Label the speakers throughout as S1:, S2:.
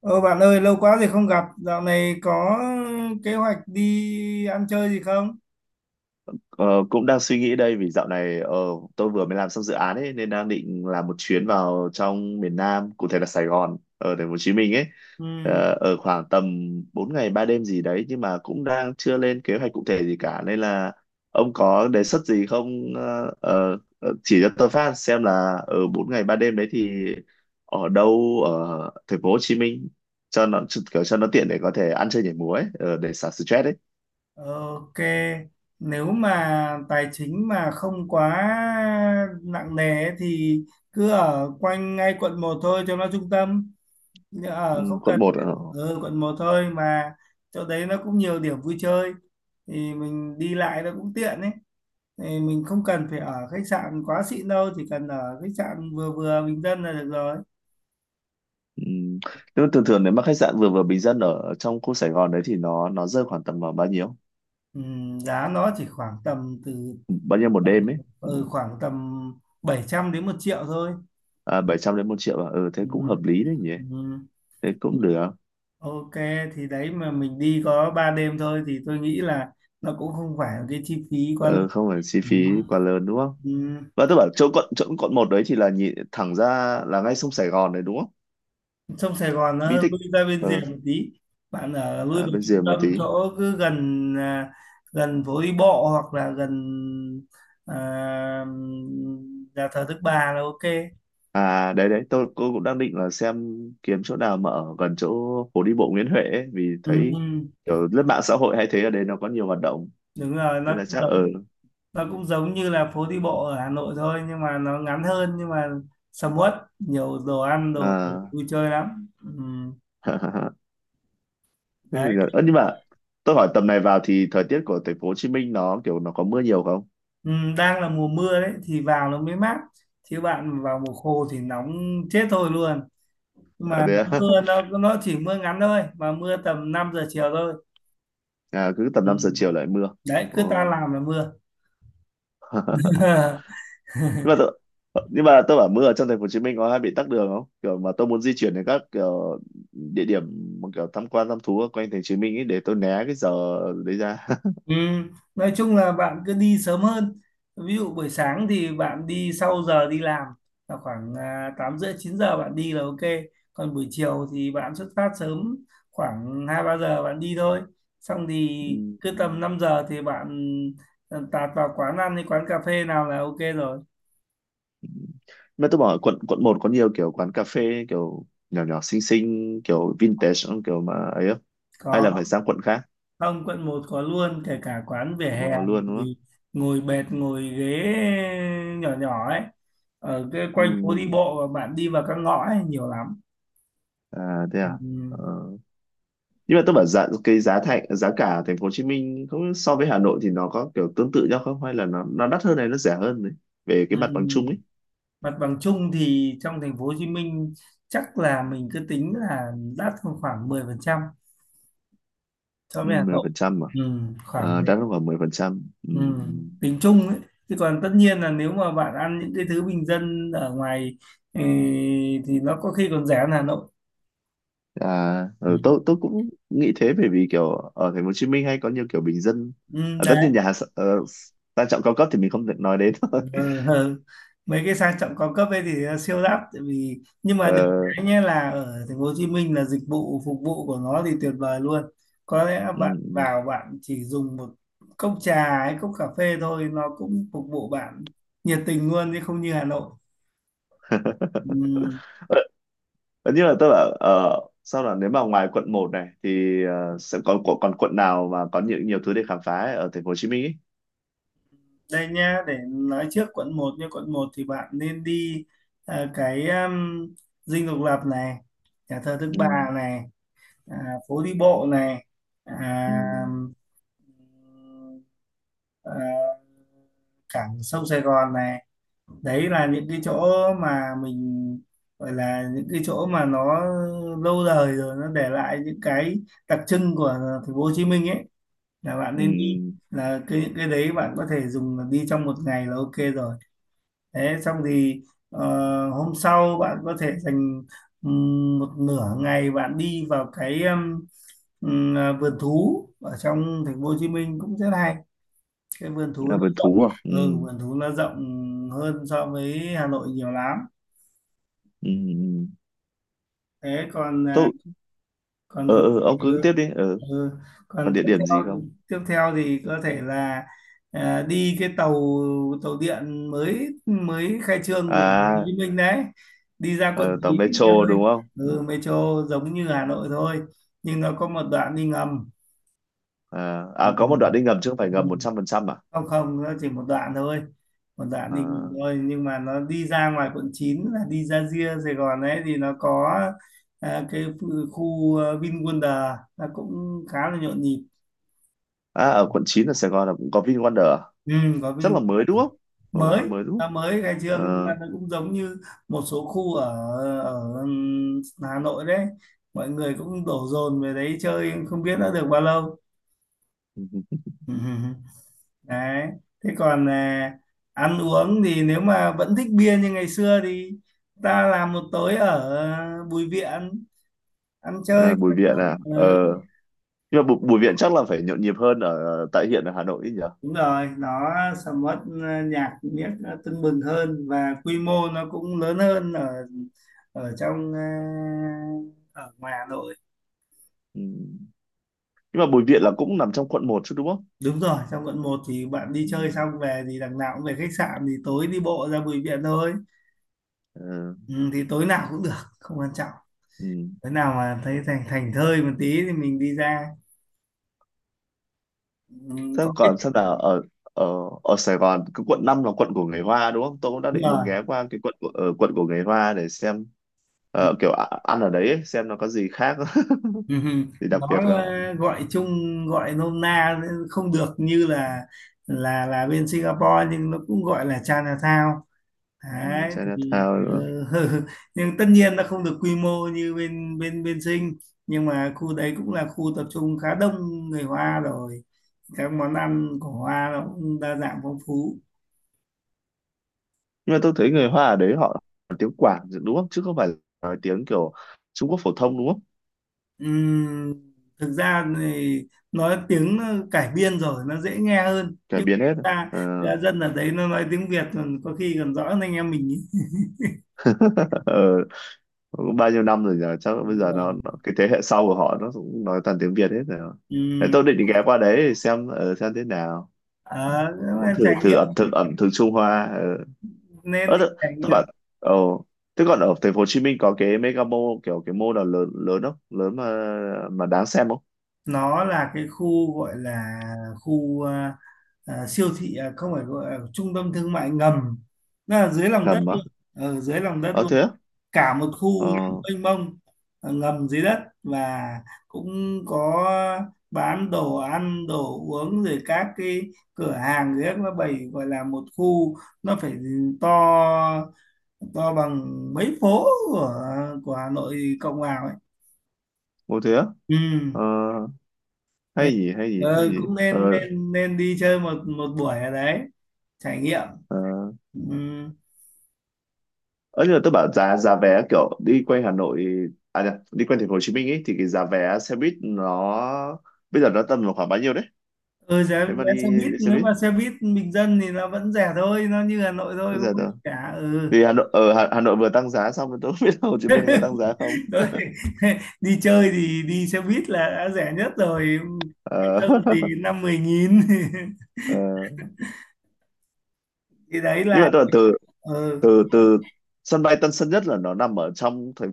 S1: Ờ Bạn ơi, lâu quá rồi không gặp. Dạo này có kế hoạch đi ăn chơi gì không?
S2: Ờ, Cũng đang suy nghĩ đây vì dạo này tôi vừa mới làm xong dự án ấy nên đang định làm một chuyến vào trong miền Nam, cụ thể là Sài Gòn, ở thành phố Hồ Chí Minh ấy.
S1: Ừ,
S2: Ở khoảng tầm 4 ngày 3 đêm gì đấy, nhưng mà cũng đang chưa lên kế hoạch cụ thể gì cả, nên là ông có đề xuất gì không? Ờ, chỉ cho tôi phát xem là ở 4 ngày 3 đêm đấy thì ở đâu ở thành phố Hồ Chí Minh cho nó, kiểu cho nó tiện để có thể ăn chơi nhảy múa ấy, để xả stress ấy.
S1: ok. Nếu mà tài chính mà không quá nặng nề ấy thì cứ ở quanh ngay quận một thôi cho nó trung tâm.
S2: Ừ,
S1: Ở không
S2: quận
S1: cần
S2: một.
S1: ở quận một thôi mà chỗ đấy nó cũng nhiều điểm vui chơi thì mình đi lại nó cũng tiện ấy. Thì mình không cần phải ở khách sạn quá xịn đâu, chỉ cần ở khách sạn vừa vừa bình dân là được rồi.
S2: Ừm, Nhưng mà thường thường nếu mà khách sạn vừa vừa bình dân ở trong khu Sài Gòn đấy thì nó rơi khoảng tầm vào bao nhiêu?
S1: Giá nó chỉ khoảng tầm từ
S2: Ừ, bao nhiêu một
S1: tầm,
S2: đêm ấy?
S1: khoảng tầm 700 đến 1 triệu thôi.
S2: À, 700 đến 1.000.000 à? Ừ, thế cũng hợp
S1: Ừm,
S2: lý đấy nhỉ?
S1: ừm.
S2: Thế cũng được.
S1: Ok, thì đấy mà mình đi có 3 đêm thôi thì tôi nghĩ là nó cũng không phải là cái chi phí quá lớn.
S2: Ừ, không phải chi phí quá lớn đúng không?
S1: Ừm,
S2: Và tôi bảo chỗ quận, quận một đấy thì là nhìn thẳng ra là ngay sông Sài Gòn đấy đúng không?
S1: Sông Sài Gòn nó
S2: Bí
S1: hơi lui
S2: tích.
S1: ra bên rìa
S2: Ừ,
S1: một tí. Bạn ở lui
S2: à,
S1: vào
S2: bên
S1: trung
S2: rìa một
S1: tâm
S2: tí.
S1: chỗ cứ gần phố đi bộ hoặc là gần à, nhà thờ Đức Bà là ok.
S2: À đấy đấy, tôi cô cũng đang định là xem kiếm chỗ nào mà ở gần chỗ phố đi bộ Nguyễn Huệ ấy, vì thấy
S1: Ừm,
S2: kiểu lướt mạng xã hội hay thấy ở đây nó có nhiều hoạt động,
S1: Đúng rồi,
S2: nên
S1: nó
S2: là
S1: cũng
S2: chắc ở
S1: giống nó cũng giống như là phố đi bộ ở Hà Nội thôi nhưng mà nó ngắn hơn nhưng mà sầm uất, nhiều đồ ăn đồ
S2: à,
S1: vui chơi lắm.
S2: thế thì
S1: Đấy.
S2: là- ơ, nhưng mà tôi hỏi tầm này vào thì thời tiết của thành phố Hồ Chí Minh nó kiểu nó có mưa nhiều không?
S1: Đang là mùa mưa đấy thì vào nó mới mát chứ bạn vào mùa khô thì nóng chết thôi luôn, nhưng
S2: À,
S1: mà
S2: thế
S1: nó
S2: à?
S1: mưa nó chỉ mưa ngắn thôi mà mưa tầm 5 giờ chiều thôi.
S2: À, cứ tầm 5 giờ
S1: Ừm,
S2: chiều lại mưa.
S1: Đấy,
S2: Ờ.
S1: cứ ta làm là mưa.
S2: nhưng mà tôi nhưng mà tôi bảo mưa ở trong thành phố Hồ Chí Minh có hay bị tắc đường không, kiểu mà tôi muốn di chuyển đến các kiểu địa điểm mà kiểu tham quan thăm thú ở quanh thành phố Hồ Chí Minh ấy, để tôi né cái giờ đấy ra.
S1: Ừ, nói chung là bạn cứ đi sớm hơn. Ví dụ buổi sáng thì bạn đi sau giờ đi làm là khoảng 8 rưỡi chín giờ bạn đi là ok. Còn buổi chiều thì bạn xuất phát sớm khoảng 2 3 giờ bạn đi thôi. Xong thì
S2: Ừ,
S1: cứ
S2: ừ,
S1: tầm 5 giờ thì bạn tạt vào quán ăn hay quán cà phê nào là ok rồi.
S2: ừ. Mà tôi bảo quận, một có nhiều kiểu quán cà phê kiểu nhỏ nhỏ xinh xinh kiểu vintage không? Kiểu mà ấy không?
S1: Có,
S2: Hay là phải sang quận khác?
S1: không quận một có luôn, kể cả quán vỉa
S2: Mà
S1: hè
S2: có luôn đúng không?
S1: thì ngồi bệt ngồi ghế nhỏ nhỏ ấy, ở cái
S2: Ừ,
S1: quanh phố đi bộ và bạn đi vào các ngõ ấy nhiều lắm.
S2: à thế à.
S1: Ừm,
S2: Ờ, nhưng mà tôi bảo giá, cái giá thành, giá cả ở thành phố Hồ Chí Minh không, so với Hà Nội thì nó có kiểu tương tự nhau không, hay là nó đắt hơn này, nó rẻ hơn này, về cái mặt bằng chung
S1: ừm,
S2: ấy?
S1: mặt bằng chung thì trong thành phố Hồ Chí Minh chắc là mình cứ tính là đắt hơn khoảng 10% so
S2: Ừ,
S1: với Hà
S2: mười
S1: Nội.
S2: phần trăm mà.
S1: Khoảng
S2: À,
S1: đấy.
S2: đắt hơn khoảng 10%. Ừ. Ừ.
S1: Tính chung ấy, chứ còn tất nhiên là nếu mà bạn ăn những cái thứ bình dân ở ngoài, ừ, thì nó có khi còn rẻ hơn Hà Nội.
S2: À ừ,
S1: Ừm,
S2: tôi cũng nghĩ thế, bởi vì kiểu ở thành phố Hồ Chí Minh hay có nhiều kiểu bình dân.
S1: Ừ,
S2: À, tất
S1: đấy.
S2: nhiên nhà hàng sang trọng cao cấp thì mình không thể nói đến. Thôi.
S1: Ờ, hờ. Mấy cái sang trọng cao cấp ấy thì nó siêu đắt tại vì, nhưng mà được
S2: Ờ,
S1: cái nhé là ở thành phố Hồ Chí Minh là dịch vụ phục vụ của nó thì tuyệt vời luôn. Có lẽ
S2: ừ,
S1: bạn
S2: ừ.
S1: vào bạn chỉ dùng một cốc trà hay cốc cà phê thôi nó cũng phục vụ bạn nhiệt tình luôn chứ không như Hà Nội. Ừm,
S2: Nhưng mà tức là sao là nếu mà ngoài quận một này thì sẽ còn, còn quận nào mà có nhiều, thứ để khám phá ấy ở thành phố Hồ Chí Minh ấy?
S1: Đây nhá, để nói trước quận một, như quận một thì bạn nên đi, ờ, cái Dinh Độc Lập này, nhà thờ Đức
S2: Ừ,
S1: Bà này, à, phố đi bộ này,
S2: ừ,
S1: à, ờ, ờ, cảng sông Sài Gòn này. Đấy là những cái chỗ mà mình gọi là những cái chỗ mà nó lâu đời rồi, nó để lại những cái đặc trưng của thành phố Hồ Chí Minh ấy là bạn
S2: ừ,
S1: nên đi. Là cái đấy bạn có thể dùng là đi trong một ngày là ok rồi. Thế xong thì ờ, hôm sau bạn có thể dành một nửa ngày bạn đi vào cái vườn thú ở trong thành phố Hồ Chí Minh cũng rất hay, cái vườn thú.
S2: là vườn thú à? Ừ,
S1: Ừ, vườn thú nó rộng hơn so với Hà Nội nhiều lắm.
S2: ừ, ừ.
S1: Thế còn à,
S2: Tôi,
S1: còn còn
S2: ờ, ông cứ
S1: ừ,
S2: tiếp đi. Ờ,
S1: ừ.
S2: còn
S1: Còn
S2: địa
S1: tiếp
S2: điểm gì
S1: theo,
S2: không?
S1: tiếp theo thì có thể là đi cái tàu tàu điện mới mới khai trương của Hồ
S2: À,
S1: Chí Minh đấy, đi ra quận
S2: ờ, tàu
S1: 9
S2: metro
S1: chơi.
S2: đúng không? Ừ.
S1: Ừ, metro giống như Hà Nội thôi nhưng nó có một đoạn đi ngầm.
S2: À,
S1: Ừ.
S2: à, có một đoạn đi ngầm chứ không phải
S1: Ừ,
S2: ngầm
S1: ừ.
S2: 100% à?
S1: Không không, nó chỉ một đoạn thôi, một đoạn đi nghỉ
S2: À,
S1: thôi, nhưng mà nó đi ra ngoài quận 9 là đi ra ria Sài Gòn ấy thì nó có khu VinWonder nó cũng khá là nhộn nhịp.
S2: à, ở quận 9 ở Sài Gòn là cũng có VinWonder à?
S1: Ừ, có
S2: Chắc
S1: Vin
S2: là mới đúng không? Ờ,
S1: mới,
S2: mới đúng
S1: nó
S2: không?
S1: mới khai trương
S2: Ờ.
S1: nên là nó cũng giống như một số khu ở ở Hà Nội đấy, mọi người cũng đổ dồn về đấy chơi không biết đã được bao lâu. Đấy, thế còn ăn uống thì nếu mà vẫn thích bia như ngày xưa thì ta làm một tối ở Bùi Viện ăn chơi
S2: À,
S1: cho
S2: Bùi Viện
S1: nó-
S2: à?
S1: ừ,
S2: Ờ, nhưng mà Bùi Viện chắc là phải nhộn nhịp hơn ở tại hiện ở Hà Nội ấy nhỉ.
S1: đúng rồi, nó sẽ mất nhạc miếc tưng bừng hơn và quy mô nó cũng lớn hơn ở ở trong à, ở ngoài Hà Nội.
S2: Ừ. Nhưng mà Bùi Viện là cũng nằm trong quận một chứ đúng không?
S1: Đúng rồi, trong quận một thì bạn đi
S2: Ừ.
S1: chơi xong về thì đằng nào cũng về khách sạn thì tối đi bộ ra Bùi Viện thôi.
S2: Ừ.
S1: Ừ, thì tối nào cũng được, không quan trọng.
S2: Ừ.
S1: Thế nào mà thấy thành thành thơi một tí thì mình đi ra, ừ,
S2: Thế
S1: có cái.
S2: còn xem nào ở, ở ở Sài Gòn cái quận 5 là quận của người Hoa đúng không? Tôi cũng đã
S1: Đúng
S2: định muốn
S1: rồi.
S2: ghé qua cái quận của quận của người Hoa để xem kiểu ăn ở đấy ấy, xem nó có gì khác
S1: Ừ, ừ,
S2: gì đặc
S1: nó
S2: biệt không.
S1: gọi chung, gọi nôm na, không được như là là bên Singapore nhưng nó cũng gọi là Chinatown
S2: Ừ.
S1: đấy thì,
S2: Chinatown nữa.
S1: ờ. Nhưng tất nhiên nó không được quy mô như bên bên bên Sing, nhưng mà khu đấy cũng là khu tập trung khá đông người Hoa rồi, các món ăn của Hoa nó cũng đa dạng phong phú.
S2: Nhưng mà tôi thấy người Hoa ở đấy họ nói tiếng Quảng đúng không, chứ không phải nói tiếng kiểu Trung Quốc phổ thông đúng không?
S1: Ừm, thực ra thì nói tiếng cải biên rồi nó dễ nghe hơn
S2: Cải
S1: nhưng
S2: biến hết
S1: chúng
S2: à?
S1: ta, ra dân ở đấy nó nói tiếng Việt còn có khi còn rõ hơn anh em mình ý.
S2: Ờ. Cũng bao nhiêu năm rồi nhờ, chắc bây
S1: Đúng
S2: giờ
S1: rồi.
S2: nó cái thế hệ sau của họ nó cũng nói toàn tiếng Việt hết rồi. Thế
S1: Ừm,
S2: tôi định ghé qua đấy để xem xem thế nào,
S1: ờ, nếu
S2: muốn
S1: mà
S2: thử,
S1: trải nghiệm,
S2: ẩm thực, Trung Hoa.
S1: nên
S2: Ờ
S1: đi trải nghiệm.
S2: tôi bảo, ồ, thế còn ở thành phố Hồ Chí Minh có cái mega mall, kiểu cái mall nào lớn lớn không, lớn mà đáng xem không?
S1: Nó là cái khu gọi là khu siêu thị không phải, gọi là trung tâm thương mại ngầm, nó là dưới lòng đất
S2: Ngầm á?
S1: luôn, ở dưới lòng đất
S2: Ờ
S1: luôn,
S2: thế á?
S1: cả một khu
S2: Ờ.
S1: mênh mông, ngầm dưới đất, và cũng có bán đồ ăn đồ uống rồi các cái cửa hàng dưới nó bày, gọi là một khu nó phải to, to bằng mấy phố của Hà Nội cộng vào ấy.
S2: Ô thế á?
S1: Ừ,
S2: Ờ.
S1: thế
S2: hay gì hay gì hay
S1: ờ,
S2: gì
S1: cũng
S2: Ờ.
S1: nên nên nên đi chơi một một buổi ở đấy trải nghiệm.
S2: Ờ.
S1: Ừ.
S2: Ờ, nhưng mà tôi bảo giá, vé kiểu đi quanh Hà Nội, à nhờ, đi quanh thành phố Hồ Chí Minh ấy, thì cái giá vé xe buýt nó bây giờ nó tầm vào khoảng bao nhiêu đấy,
S1: Ừ, giá
S2: nếu mà
S1: vé
S2: đi,
S1: xe buýt,
S2: đi xe
S1: nếu
S2: buýt?
S1: mà xe buýt bình dân thì nó vẫn rẻ thôi, nó như Hà Nội thôi,
S2: Bây
S1: không
S2: giờ
S1: có
S2: tôi,
S1: gì cả. Ừ,
S2: vì Hà Nội ở Hà, Nội vừa tăng giá xong rồi, tôi không biết là Hồ Chí Minh có tăng giá không.
S1: thôi, đi chơi thì đi xe buýt là đã rẻ nhất rồi, bình
S2: Ờ.
S1: dân thì 5 10 nghìn.
S2: Ờ.
S1: Thì đấy
S2: Nhưng
S1: là
S2: mà tôi bảo từ,
S1: ừ.
S2: từ sân bay Tân Sơn Nhất là nó nằm ở trong thành,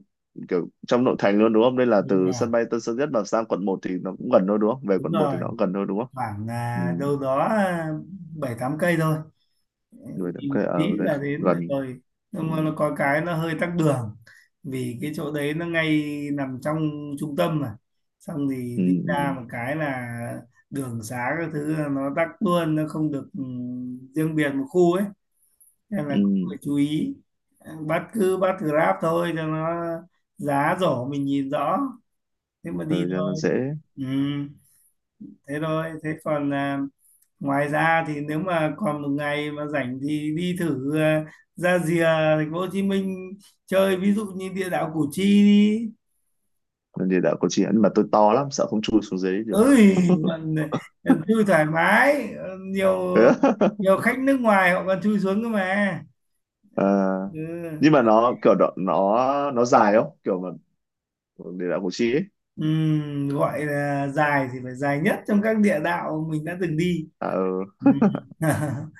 S2: kiểu trong nội thành luôn đúng không, nên là
S1: Đúng
S2: từ
S1: rồi,
S2: sân bay Tân Sơn Nhất mà sang quận một thì nó cũng gần thôi đúng không, về
S1: đúng
S2: quận một
S1: rồi,
S2: thì nó cũng gần thôi đúng không?
S1: khoảng
S2: Ừ,
S1: 7 8 cây thôi,
S2: người
S1: đi
S2: đám
S1: một
S2: cưới
S1: tí
S2: ở đấy
S1: là đến được
S2: gần.
S1: rồi. Nhưng
S2: Ừ,
S1: mà nó có cái nó hơi tắc đường vì cái chỗ đấy nó ngay nằm trong trung tâm mà, xong thì
S2: ừ,
S1: đi ra
S2: ừ.
S1: một cái là đường xá các thứ là nó tắc luôn, nó không được ừ, riêng biệt một khu ấy nên là cũng
S2: Ừ,
S1: phải chú ý. Ừ, bắt cứ bắt Grab thôi cho nó giá rổ mình nhìn rõ, thế mà đi
S2: thời gian nó
S1: thôi.
S2: dễ.
S1: Ừ, thế thôi. Thế còn ngoài ra thì nếu mà còn một ngày mà rảnh thì đi thử ra rìa thành phố Hồ Chí Minh chơi, ví dụ như địa đạo Củ Chi đi.
S2: Nên địa đạo Củ Chi, nhưng mà tôi to lắm, sợ không chui xuống dưới được.
S1: Ơi, còn, còn chui thoải mái, nhiều, nhiều khách nước ngoài họ còn chui xuống cơ mà.
S2: Ờ,
S1: Ừ.
S2: nhưng mà nó kiểu độ, nó dài không kiểu mà địa đạo Củ Chi ấy?
S1: Gọi là dài thì phải dài nhất trong các địa đạo mình đã từng đi.
S2: À, ừ,
S1: Ừm.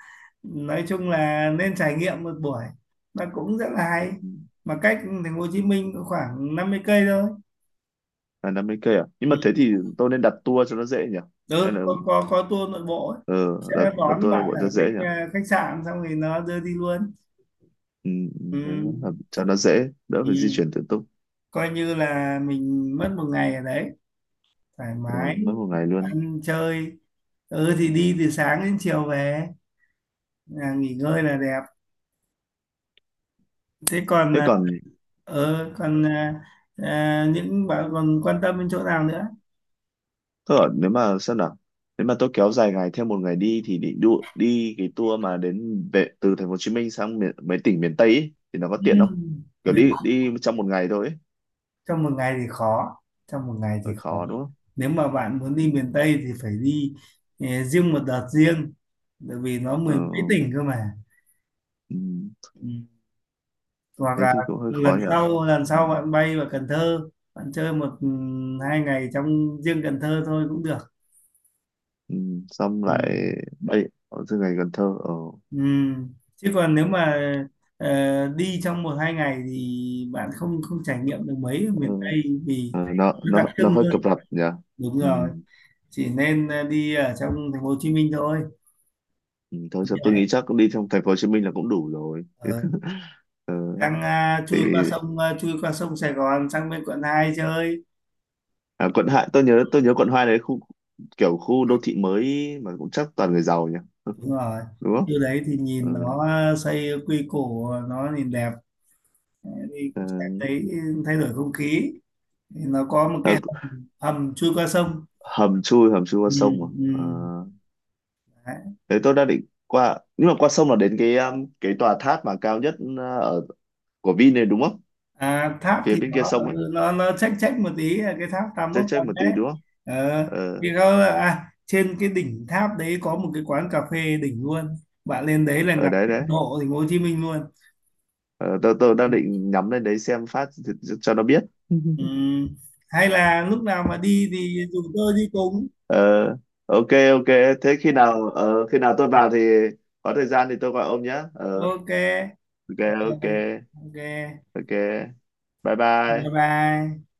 S1: Nói chung là nên trải nghiệm một buổi, nó cũng rất là hay, mà cách thành phố Hồ Chí Minh có khoảng 50 cây thôi.
S2: là 50 cây à? Nhưng mà
S1: Ừ.
S2: thế thì tôi nên đặt tour cho nó dễ nhỉ, hay
S1: Ừ,
S2: là
S1: có có tour nội bộ ấy.
S2: ờ
S1: Sẽ
S2: là,
S1: đón
S2: tour nội
S1: bạn
S2: bộ
S1: ở
S2: cho dễ nhỉ.
S1: khách sạn xong thì nó đưa đi luôn.
S2: Ừ, ừ,
S1: Ừ.
S2: thế nó là, cho nó dễ đỡ
S1: Ừ.
S2: phải di chuyển tự túc.
S1: Coi như là mình mất một ngày ở đấy thoải
S2: Ừ,
S1: mái
S2: mất một ngày luôn.
S1: ăn chơi. Ừ, thì đi từ sáng đến chiều về nghỉ ngơi là đẹp. Thế còn
S2: Thế
S1: à,
S2: còn.
S1: ừ, còn à, à, những bạn còn quan tâm đến chỗ nào nữa.
S2: Thế ở nếu mà xem nào, nếu mà tôi kéo dài ngày theo một ngày đi thì định đi cái tour mà đến về từ thành phố Hồ Chí Minh sang miền, mấy tỉnh miền Tây ấy, thì nó có tiện không, kiểu
S1: Ừ.
S2: đi, trong một ngày thôi ấy.
S1: Trong một ngày thì khó, trong một ngày thì
S2: Hơi
S1: khó.
S2: khó đúng không?
S1: Nếu mà bạn muốn đi
S2: Ừ.
S1: miền Tây thì phải đi riêng một đợt riêng, bởi vì nó
S2: Ờ,
S1: mười mấy tỉnh cơ mà.
S2: ừ.
S1: Ừ. Hoặc
S2: Thế
S1: là
S2: thì cũng hơi khó
S1: lần
S2: nhỉ.
S1: sau lần
S2: Ừ.
S1: sau bạn bay vào Cần Thơ, bạn chơi một, ừ, 2 ngày trong riêng Cần Thơ thôi cũng được.
S2: Ừ. Xong
S1: Ừ.
S2: lại bay ở từ ngày Cần Thơ. Ờ.
S1: Ừ. Chứ còn nếu mà đi trong một hai ngày thì bạn không không trải nghiệm được mấy ở
S2: Ờ.
S1: miền Tây vì
S2: Ờ, nó
S1: nó
S2: nó
S1: đặc
S2: nó
S1: trưng
S2: hơi
S1: hơn.
S2: cập rập nhỉ.
S1: Đúng
S2: Ừ.
S1: rồi, chỉ nên đi ở trong thành phố Hồ Chí Minh thôi.
S2: Ừ. Thôi sao tôi nghĩ chắc đi trong thành phố Hồ Chí Minh là cũng đủ rồi.
S1: Ờ,
S2: Ờ.
S1: đang
S2: Thì.
S1: chui qua sông Sài Gòn sang bên quận 2 chơi.
S2: À, quận hai, tôi nhớ, quận hai đấy khu, kiểu khu đô thị mới mà cũng chắc toàn người giàu nhỉ.
S1: Đúng rồi,
S2: Đúng không?
S1: như đấy thì
S2: Ừ.
S1: nhìn nó xây quy củ nó nhìn đẹp thì
S2: Ờ,
S1: cũng sẽ thấy thay đổi không khí, thì nó có một cái
S2: ờ,
S1: hầm, hầm chui qua sông.
S2: hầm chui, qua
S1: Ừ,
S2: sông mà. Ờ,
S1: ừ. Đấy.
S2: đấy tôi đang định qua, nhưng mà qua sông là đến cái tòa tháp mà cao nhất ở của Vin này đúng không,
S1: À, tháp
S2: phía
S1: thì
S2: bên
S1: nó
S2: kia sông
S1: ờ,
S2: ấy?
S1: nó nó chách chách một tí là cái tháp
S2: check
S1: 81
S2: check
S1: tầng
S2: một tí
S1: đấy.
S2: đúng không?
S1: Ờ, thì
S2: Ờ,
S1: có trên cái đỉnh tháp đấy có một cái quán cà phê đỉnh luôn, bạn lên đấy là
S2: ở
S1: ngắm
S2: đấy đấy.
S1: độ thành phố Hồ Chí Minh luôn.
S2: Ờ, tôi đang định nhắm lên đấy xem phát thì- cho nó biết.
S1: Ừ. Hay là lúc nào mà đi thì rủ tôi đi cùng.
S2: Ờ, ok ok. Thế khi nào khi nào tôi vào thì có thời gian thì tôi gọi ông nhé. Ờ,
S1: Ok.
S2: ok. ok
S1: Rồi. Ok.
S2: ok. Bye
S1: Bye
S2: bye.
S1: bye.